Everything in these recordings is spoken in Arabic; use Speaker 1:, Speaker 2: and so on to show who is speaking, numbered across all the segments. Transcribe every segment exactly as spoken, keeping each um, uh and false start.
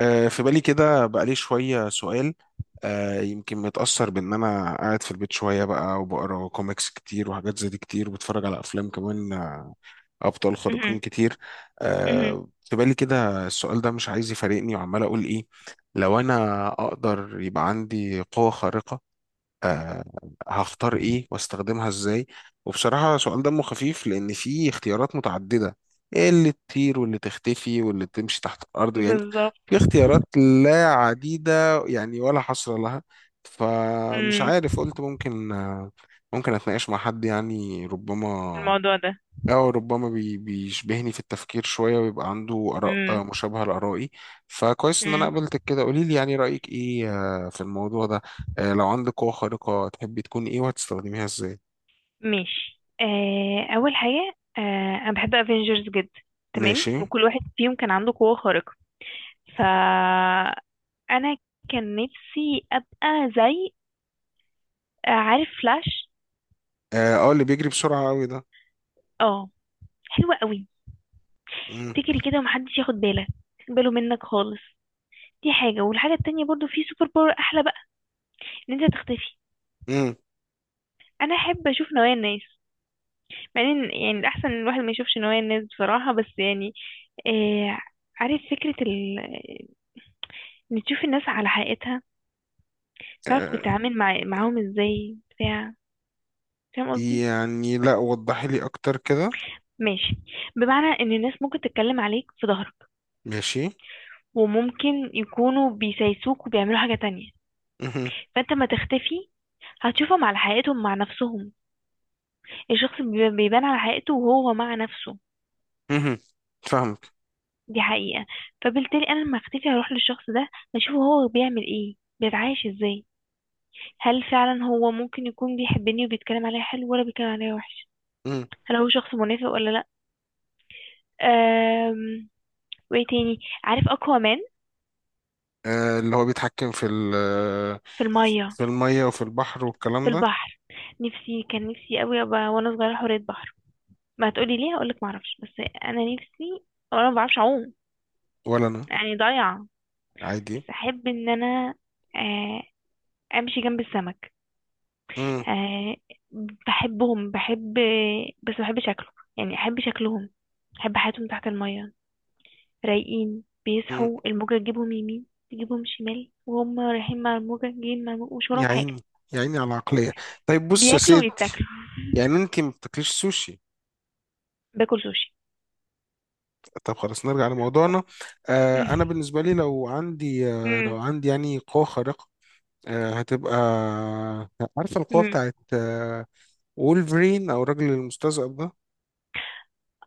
Speaker 1: آه، في بالي كده بقالي شوية سؤال. آه، يمكن متأثر بإن أنا قاعد في البيت شوية بقى وبقرا كوميكس كتير وحاجات زي دي كتير وبتفرج على أفلام كمان، آه، أبطال
Speaker 2: مهم.
Speaker 1: خارقين كتير.
Speaker 2: مهم.
Speaker 1: آه، في بالي كده السؤال ده مش عايز يفارقني وعمال أقول إيه، لو أنا أقدر يبقى عندي قوة خارقة، آه، هختار ايه واستخدمها ازاي؟ وبصراحة سؤال دمه خفيف لان في اختيارات متعددة، ايه اللي تطير واللي تختفي واللي تمشي تحت الارض يعني.
Speaker 2: بالظبط.
Speaker 1: في اختيارات لا عديدة يعني ولا حصر لها. فمش
Speaker 2: مم.
Speaker 1: عارف، قلت ممكن آه، ممكن اتناقش مع حد يعني ربما،
Speaker 2: الموضوع ده.
Speaker 1: أو ربما بي- بيشبهني في التفكير شوية ويبقى عنده آراء
Speaker 2: مم.
Speaker 1: آه، مشابهة لآرائي. فكويس إن أنا
Speaker 2: مم.
Speaker 1: قابلتك كده، قولي لي يعني رأيك إيه آه، في الموضوع ده. آه، لو عندك قوة خارقة تحبي تكوني إيه وهتستخدميها إزاي؟
Speaker 2: ماشي. آه اول حاجه، آه انا بحب افنجرز جدا. تمام،
Speaker 1: ماشي.
Speaker 2: وكل واحد فيهم كان عنده قوه خارقه. فانا كان نفسي ابقى زي، آه، عارف فلاش؟
Speaker 1: أه آه، اللي بيجري بسرعة أوي ده.
Speaker 2: اه، حلوه قوي.
Speaker 1: مم.
Speaker 2: تجري كده ومحدش ياخد باله باله منك خالص. دي حاجه، والحاجه التانية برضو في سوبر باور احلى بقى: ان انت تختفي.
Speaker 1: مم.
Speaker 2: انا احب اشوف نوايا الناس. مع ان يعني الاحسن إن الواحد ما يشوفش نوايا الناس بصراحه، بس يعني آه عارف فكرة ال... إن تشوف الناس على حقيقتها، تعرف
Speaker 1: أه
Speaker 2: تتعامل مع... معاهم ازاي، بتاع. فاهم قصدي؟
Speaker 1: يعني، لا وضحي لي أكتر كده.
Speaker 2: ماشي. بمعنى ان الناس ممكن تتكلم عليك في ظهرك،
Speaker 1: ماشي.
Speaker 2: وممكن يكونوا بيسايسوك وبيعملوا حاجة تانية.
Speaker 1: مهم.
Speaker 2: فانت ما تختفي هتشوفهم على حقيقتهم مع نفسهم. الشخص بي- بيبان على حقيقته وهو مع نفسه.
Speaker 1: مهم. فاهمك.
Speaker 2: دي حقيقة. فبالتالي انا لما اختفي هروح للشخص ده، اشوفه هو بيعمل ايه، بيتعايش ازاي. هل فعلا هو ممكن يكون بيحبني وبيتكلم عليا حلو، ولا بيتكلم عليا وحش؟
Speaker 1: مم.
Speaker 2: هل هو شخص منافق ولا لا؟ أم... وايه تاني؟ عارف اكوامان؟
Speaker 1: أه اللي هو بيتحكم في ال...
Speaker 2: في الميه،
Speaker 1: في المية وفي البحر
Speaker 2: في
Speaker 1: والكلام ده.
Speaker 2: البحر. نفسي، كان نفسي قوي ابقى وانا صغيره حورية بحر. ما هتقولي ليه؟ هقولك ما اعرفش، بس انا نفسي. وانا ما بعرفش اعوم،
Speaker 1: ولا أنا.
Speaker 2: يعني ضايعه.
Speaker 1: عادي.
Speaker 2: بس احب ان انا آه، امشي جنب السمك. آه، بحبهم، بحب. بس ما بحب شكله، يعني احب شكلهم. احب حياتهم تحت الميه. رايقين،
Speaker 1: مم.
Speaker 2: بيصحوا الموجة تجيبهم يمين تجيبهم شمال، وهم رايحين مع الموجة جايين مع الموجة، مش
Speaker 1: يا
Speaker 2: وراهم حاجة.
Speaker 1: عيني. يا عيني على العقلية. طيب بص يا
Speaker 2: بياكلوا
Speaker 1: سيد،
Speaker 2: ويتاكلوا.
Speaker 1: يعني انت ما بتاكليش سوشي؟
Speaker 2: باكل سوشي.
Speaker 1: طب خلاص نرجع لموضوعنا. آه انا بالنسبة لي لو عندي، آه لو
Speaker 2: امم.
Speaker 1: عندي يعني قوة خارقة، آه هتبقى... عارفة القوة
Speaker 2: امم.
Speaker 1: بتاعت آه، وولفرين او الراجل المستذئب ده.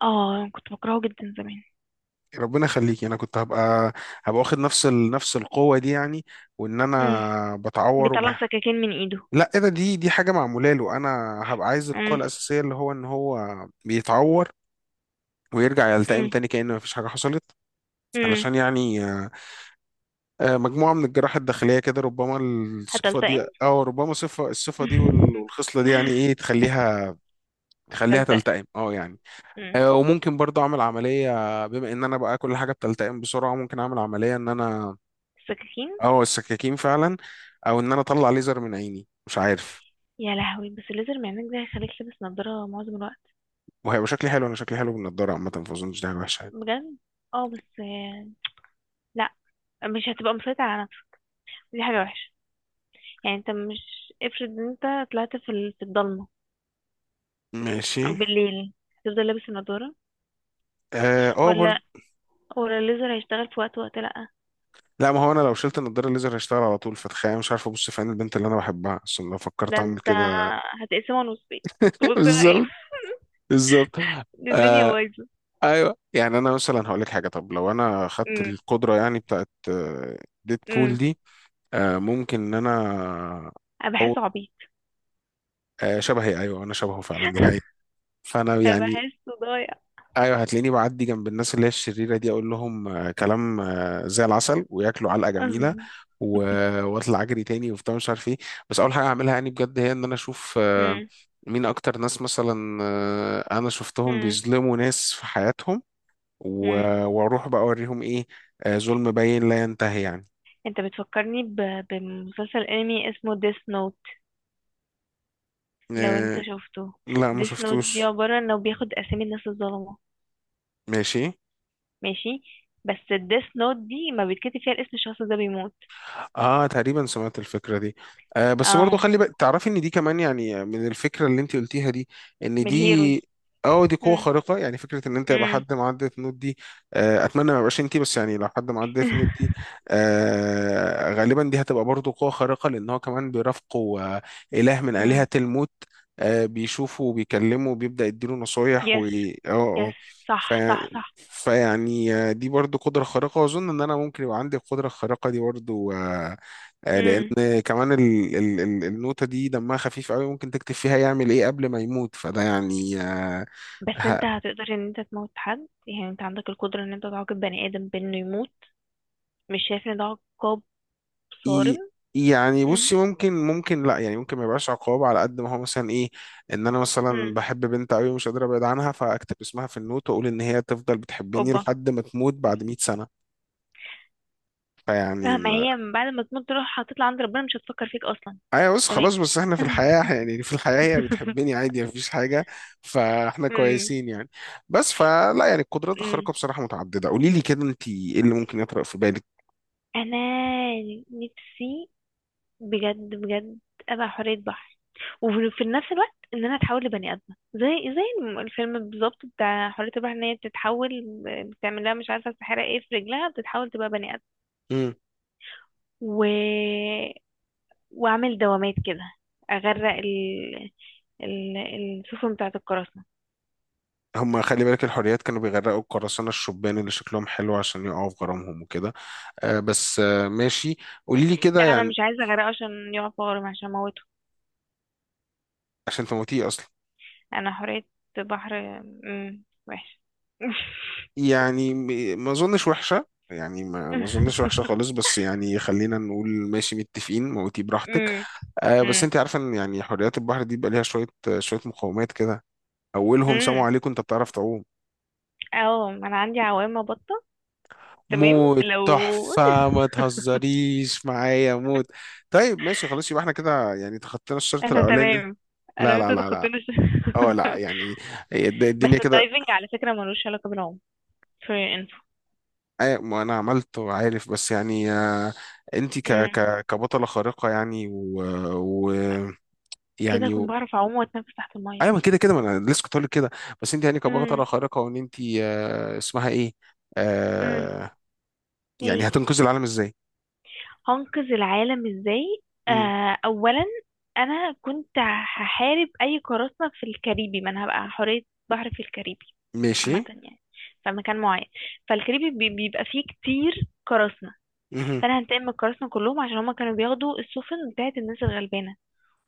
Speaker 2: اه، كنت بكرهه جدا زمان.
Speaker 1: ربنا يخليكي، انا كنت هبقى... هبقى واخد نفس ال... نفس القوة دي يعني. وان
Speaker 2: امم.
Speaker 1: انا بتعور
Speaker 2: بيطلع
Speaker 1: وما...
Speaker 2: سكاكين من ايده.
Speaker 1: لا ايه ده، دي دي حاجة معمولة له، انا هبقى عايز القوة
Speaker 2: امم.
Speaker 1: الأساسية اللي هو ان هو بيتعور ويرجع يلتئم
Speaker 2: امم.
Speaker 1: تاني كأن مفيش حاجة حصلت.
Speaker 2: امم.
Speaker 1: علشان يعني آه، آه، مجموعة من الجراحة الداخلية كده، ربما الصفة
Speaker 2: هتلتقن.
Speaker 1: دي أو ربما صفة الصفة دي وال- والخصلة دي يعني إيه، تخليها تخليها
Speaker 2: تلتقن.
Speaker 1: تلتئم أه يعني.
Speaker 2: امم.
Speaker 1: آه، وممكن برضه أعمل عملية، بما إن أنا بقى كل حاجة بتلتئم بسرعة ممكن أعمل عملية إن أنا...
Speaker 2: السكاكين.
Speaker 1: أه السكاكين فعلا. أو إن أنا أطلع ليزر من عيني مش عارف.
Speaker 2: يا لهوي، بس الليزر معمك ده هيخليك لابس نضارة معظم الوقت.
Speaker 1: وهيبقى شكلي حلو، أنا شكلي حلو بالنضارة عامة فأظنش دي حاجة وحشة يعني.
Speaker 2: بجد. اه بس آه، لا. مش هتبقى مسيطر على نفسك. دي حاجة وحشة. يعني انت مش افرض ان انت طلعت في ال- في الضلمة،
Speaker 1: ماشي.
Speaker 2: او بالليل، هتفضل لابس النضارة؟
Speaker 1: اه آه،
Speaker 2: ولا،
Speaker 1: برضه.
Speaker 2: ولا الليزر هيشتغل في وقت وقت لأ؟
Speaker 1: لا ما هو انا لو شلت النضاره الليزر هيشتغل على طول، فتخيل مش عارف ابص في عين البنت اللي انا بحبها اصلا لو فكرت
Speaker 2: ده
Speaker 1: اعمل
Speaker 2: انت
Speaker 1: كده.
Speaker 2: هتقسمه نصين. تبص انا ايه؟
Speaker 1: بالظبط. بالظبط.
Speaker 2: دي الدنيا
Speaker 1: آه.
Speaker 2: بايظة.
Speaker 1: ايوه يعني انا مثلا هقول لك حاجه، طب لو انا خدت
Speaker 2: امم.
Speaker 1: القدره يعني بتاعت ديد بول
Speaker 2: امم.
Speaker 1: دي، آه ممكن ان انا...
Speaker 2: انا
Speaker 1: او
Speaker 2: بحسه عبيط.
Speaker 1: آه شبهي، ايوه انا شبهه فعلا دي حقيقه. فانا
Speaker 2: انا
Speaker 1: يعني،
Speaker 2: بحسه ضايع.
Speaker 1: ايوه هتلاقيني بعدي جنب الناس اللي هي الشريره دي، اقول لهم آه، كلام آه، زي العسل وياكلوا علقه جميله، و- واطلع اجري تاني وبتاع مش عارف ايه. بس اول حاجه اعملها يعني بجد هي ان انا اشوف آه،
Speaker 2: امم.
Speaker 1: مين اكتر ناس مثلا، آه، انا شفتهم
Speaker 2: امم.
Speaker 1: بيظلموا ناس في حياتهم،
Speaker 2: امم.
Speaker 1: و- واروح بقى اوريهم ايه، آه، ظلم باين لا ينتهي يعني.
Speaker 2: انت بتفكرني ب- بمسلسل انمي اسمه ديس نوت. لو انت
Speaker 1: آه،
Speaker 2: شفته؟
Speaker 1: لا ما
Speaker 2: ديس نوت دي
Speaker 1: شفتوش.
Speaker 2: عبارة انه بياخد اسامي الناس الظلمة.
Speaker 1: ماشي.
Speaker 2: ماشي. بس الديس نوت دي ما بيتكتب فيها الاسم الشخص ده بيموت.
Speaker 1: اه تقريبا سمعت الفكره دي. آه بس برضو
Speaker 2: اه،
Speaker 1: خلي بقى تعرفي ان دي كمان يعني من الفكره اللي انت قلتيها دي، ان
Speaker 2: من
Speaker 1: دي...
Speaker 2: الهيروز.
Speaker 1: اه دي قوه
Speaker 2: مم.
Speaker 1: خارقه يعني، فكره ان انت يبقى
Speaker 2: مم.
Speaker 1: حد معاه ديث نوت دي. آه اتمنى ما يبقاش انت، بس يعني لو حد معاه ديث نوت دي، آه غالبا دي هتبقى برضو قوه خارقه لان هو كمان بيرافقه آه اله من الهه
Speaker 2: مم.
Speaker 1: الموت، آه بيشوفه وبيكلمه وبيبدا يديله نصايح و
Speaker 2: يس.
Speaker 1: اه. اه.
Speaker 2: يس.
Speaker 1: ف...
Speaker 2: صح صح صح.
Speaker 1: فيعني آه، دي برضو قدرة خارقة وأظن إن أنا ممكن يبقى عندي القدرة الخارقة دي برضو، آه، آه،
Speaker 2: مم.
Speaker 1: لان كمان ال ال ال النوتة دي دمها خفيف قوي، ممكن تكتب فيها يعمل ايه قبل ما يموت، فده يعني آه،
Speaker 2: بس
Speaker 1: ه-
Speaker 2: انت هتقدر ان انت تموت حد؟ يعني انت عندك القدرة ان انت تعاقب بني ادم بانه يموت. مش شايف ان ده عقاب
Speaker 1: إي-
Speaker 2: صارم؟
Speaker 1: يعني
Speaker 2: مم.
Speaker 1: بصي، ممكن ممكن لا يعني ممكن ما يبقاش عقاب على قد ما هو مثلا ايه. ان انا مثلا
Speaker 2: مم.
Speaker 1: بحب بنت قوي ومش قادر ابعد عنها، فاكتب اسمها في النوت واقول ان هي تفضل بتحبني
Speaker 2: اوبا.
Speaker 1: لحد ما تموت بعد مية سنة.
Speaker 2: آه،
Speaker 1: فيعني
Speaker 2: ما هي من بعد ما تموت تروح هتطلع عند ربنا، مش هتفكر فيك اصلا.
Speaker 1: ايوه بس خلاص،
Speaker 2: تمام.
Speaker 1: بس احنا في الحياة يعني في الحياة هي بتحبني عادي مفيش حاجة. فاحنا
Speaker 2: مم.
Speaker 1: كويسين يعني. بس فلا يعني، القدرات
Speaker 2: مم.
Speaker 1: الخارقة بصراحة متعددة، قولي لي كده انت ايه اللي ممكن يطرق في بالك.
Speaker 2: انا نفسي، بجد بجد، ابقى حورية بحر. وفي في نفس الوقت ان انا اتحول لبني ادمه، زي زي الم- الفيلم بالظبط بتاع حورية البحر ان هي بتتحول. بتعمل لها مش عارفه السحاره ايه في رجلها، بتتحول تبقى بني ادم.
Speaker 1: امم.
Speaker 2: و... واعمل دوامات كده، اغرق ال... ال... السفن بتاعه القراصنه.
Speaker 1: هم خلي بالك، الحريات كانوا بيغرقوا القراصنة الشبان اللي شكلهم حلو عشان يقعوا في غرامهم وكده. آه بس آه ماشي، قولي لي كده
Speaker 2: لا انا
Speaker 1: يعني.
Speaker 2: مش عايزه اغرقه عشان يقع في غرام، عشان اموته.
Speaker 1: عشان تموتيه اصلا.
Speaker 2: انا حورية بحر. امم. وحش.
Speaker 1: يعني م- ما اظنش وحشة. يعني ما ما اظنش وحشة خالص، بس يعني خلينا نقول ماشي متفقين موتيه براحتك.
Speaker 2: امم.
Speaker 1: آه بس انت عارفه ان يعني حريات البحر دي بيبقى ليها شويه... شويه مقومات كده. اولهم سموا
Speaker 2: امم.
Speaker 1: عليك، انت بتعرف تعوم؟
Speaker 2: اه، ما انا عندي عوامة بطة. تمام
Speaker 1: موت
Speaker 2: لو.
Speaker 1: تحفه، ما تهزريش معايا، موت. طيب ماشي خلاص يبقى احنا كده يعني تخطينا الشرط
Speaker 2: انا
Speaker 1: الاولاني ده.
Speaker 2: تمام. انا
Speaker 1: لا لا
Speaker 2: وانت
Speaker 1: لا لا.
Speaker 2: تخطينا الش-.
Speaker 1: اه لا يعني الد- الدنيا
Speaker 2: بس
Speaker 1: كده.
Speaker 2: الدايفنج على فكرة ملوش علاقة بالعوم. for your info.
Speaker 1: آه ما انا عملت وعارف بس يعني آه. انت ك
Speaker 2: امم.
Speaker 1: ك كبطله خارقه يعني و, و
Speaker 2: كده
Speaker 1: يعني.
Speaker 2: هكون بعرف اعوم واتنفس تحت المية.
Speaker 1: ايوه ما كده كده، ما انا لسه كنت هقول لك كده. بس انت يعني
Speaker 2: امم.
Speaker 1: كبطله خارقه وان انت، آه اسمها ايه،
Speaker 2: امم.
Speaker 1: آه يعني
Speaker 2: ايه؟
Speaker 1: هتنقذي العالم ازاي؟
Speaker 2: هنقذ العالم ازاي؟
Speaker 1: مم.
Speaker 2: آه اولا، انا كنت هحارب اي قراصنة في الكاريبي، ما انا هبقى حورية بحر في الكاريبي.
Speaker 1: ماشي.
Speaker 2: عامة يعني، في مكان معين، فالكاريبي بي- بيبقى فيه كتير قراصنة.
Speaker 1: مهم.
Speaker 2: فانا هنتقم من الكراسنا كلهم عشان هما كانوا بياخدوا السفن بتاعت الناس الغلبانه،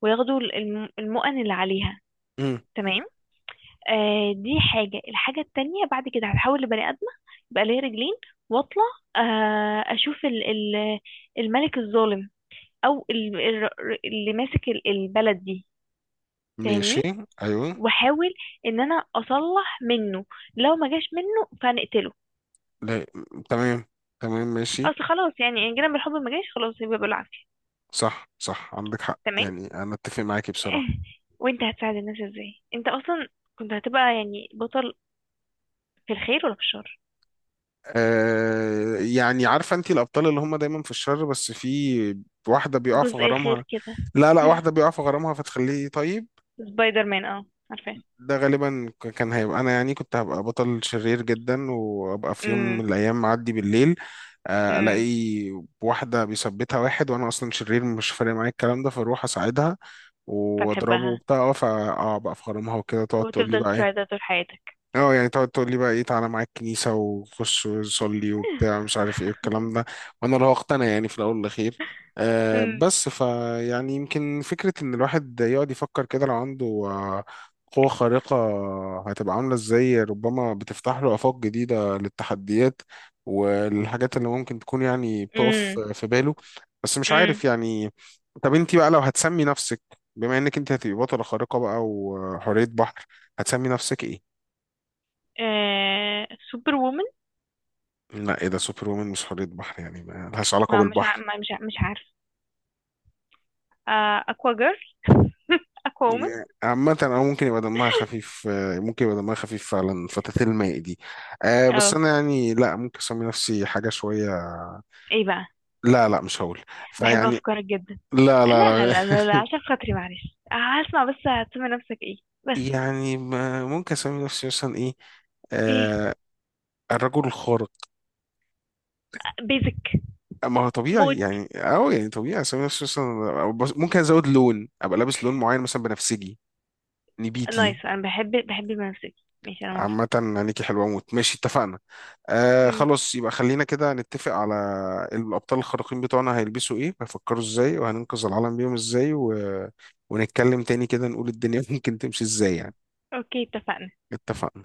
Speaker 2: وياخدوا الم- المؤن اللي عليها.
Speaker 1: مم.
Speaker 2: تمام. آه دي حاجه. الحاجه التانية بعد كده، هتحول لبني ادمه يبقى ليا رجلين، واطلع آه اشوف ال ال الملك الظالم، او ال ال اللي ماسك ال- البلد دي.
Speaker 1: ماشي.
Speaker 2: فاهمني؟
Speaker 1: ايوه.
Speaker 2: واحاول ان انا اصلح منه، لو ما جاش منه فنقتله.
Speaker 1: لا. تمام. تمام ماشي.
Speaker 2: اصل خلاص يعني، ان جينا بالحب ما جاش، خلاص يبقى بالعافيه.
Speaker 1: صح صح عندك حق
Speaker 2: تمام.
Speaker 1: يعني انا اتفق معاكي بصراحه.
Speaker 2: وانت هتساعد الناس ازاي؟ انت اصلا كنت هتبقى يعني بطل في الخير ولا في الشر؟
Speaker 1: آه يعني عارفه انت الابطال اللي هم دايما في الشر بس في واحده بيقع في
Speaker 2: جزء خير
Speaker 1: غرامها.
Speaker 2: كده.
Speaker 1: لا لا واحده بيقع في غرامها فتخليه طيب.
Speaker 2: سبايدر مان؟ اه، عارفاه.
Speaker 1: ده غالبا ك- كان هيبقى انا يعني، كنت هبقى بطل شرير جدا وابقى في يوم
Speaker 2: امم.
Speaker 1: من الايام معدي بالليل، آه،
Speaker 2: امم.
Speaker 1: الاقي واحده بيثبتها واحد وانا اصلا شرير مش فارق معايا الكلام ده، فاروح اساعدها واضربه
Speaker 2: فتحبها
Speaker 1: وبتاع اه فا اه بقى في غرامها وكده تقعد تقول لي
Speaker 2: وتفضل
Speaker 1: بقى ايه.
Speaker 2: تساعدها طول حياتك.
Speaker 1: اه يعني تقعد تقول لي بقى ايه، تعالى معاك الكنيسة وخش وصلي وبتاع مش عارف ايه الكلام ده. وانا لو اقتنع يعني في الاول والاخير. آه
Speaker 2: امم.
Speaker 1: بس فيعني يمكن فكرة ان الواحد يقعد يفكر كده لو عنده آه، قوة خارقة هتبقى عاملة ازاي، ربما بتفتح له آفاق جديدة للتحديات والحاجات اللي ممكن تكون يعني بتقف
Speaker 2: امم.
Speaker 1: في باله. بس مش
Speaker 2: امم.
Speaker 1: عارف يعني. طب انت بقى لو هتسمي نفسك، بما انك انت هتبقي بطلة خارقة بقى وحورية بحر، هتسمي نفسك ايه؟
Speaker 2: آه... سوبر وومن.
Speaker 1: لا ايه ده، سوبر وومن مش حورية بحر يعني ما لهاش علاقة
Speaker 2: ما مش ع...
Speaker 1: بالبحر.
Speaker 2: ما مش ع... مش عارف. آه... اكوا جيرل، اكوا وومن.
Speaker 1: عامة أو ممكن يبقى دمها خفيف، آه، ممكن يبقى دمها خفيف فعلا، فتاة الماء دي. أه بس
Speaker 2: اه،
Speaker 1: أنا يعني لا ممكن أسمي نفسي حاجة شوية.
Speaker 2: ايه بقى؟
Speaker 1: لا لا مش هقول.
Speaker 2: بحب
Speaker 1: فيعني.
Speaker 2: افكارك جدا.
Speaker 1: لا لا
Speaker 2: لا لا
Speaker 1: لا.
Speaker 2: لا لا, لا، عشان خاطري معلش، آه، هسمع بس هتسمي نفسك ايه؟ بس.
Speaker 1: يعني ما- ممكن أسمي نفسي مثلا إيه،
Speaker 2: ايه؟
Speaker 1: آه الرجل الخارق.
Speaker 2: بيزك.
Speaker 1: ما هو طبيعي
Speaker 2: موت.
Speaker 1: يعني، أو يعني طبيعي أسمي نفسي مثلا، أو بس- ممكن أزود لون أبقى لابس لون معين مثلا بنفسجي، نبيتي.
Speaker 2: نايس، انا بحب بحب المنسك. ماشي انا موافقة.
Speaker 1: عامة نانيكي حلوة موت، ماشي اتفقنا. آه
Speaker 2: امم.
Speaker 1: خلاص يبقى خلينا كده نتفق على الأبطال الخارقين بتوعنا هيلبسوا ايه هيفكروا ازاي وهننقذ العالم بيهم ازاي و... ونتكلم تاني كده نقول الدنيا ممكن تمشي ازاي يعني.
Speaker 2: اوكي اتفقنا.
Speaker 1: اتفقنا.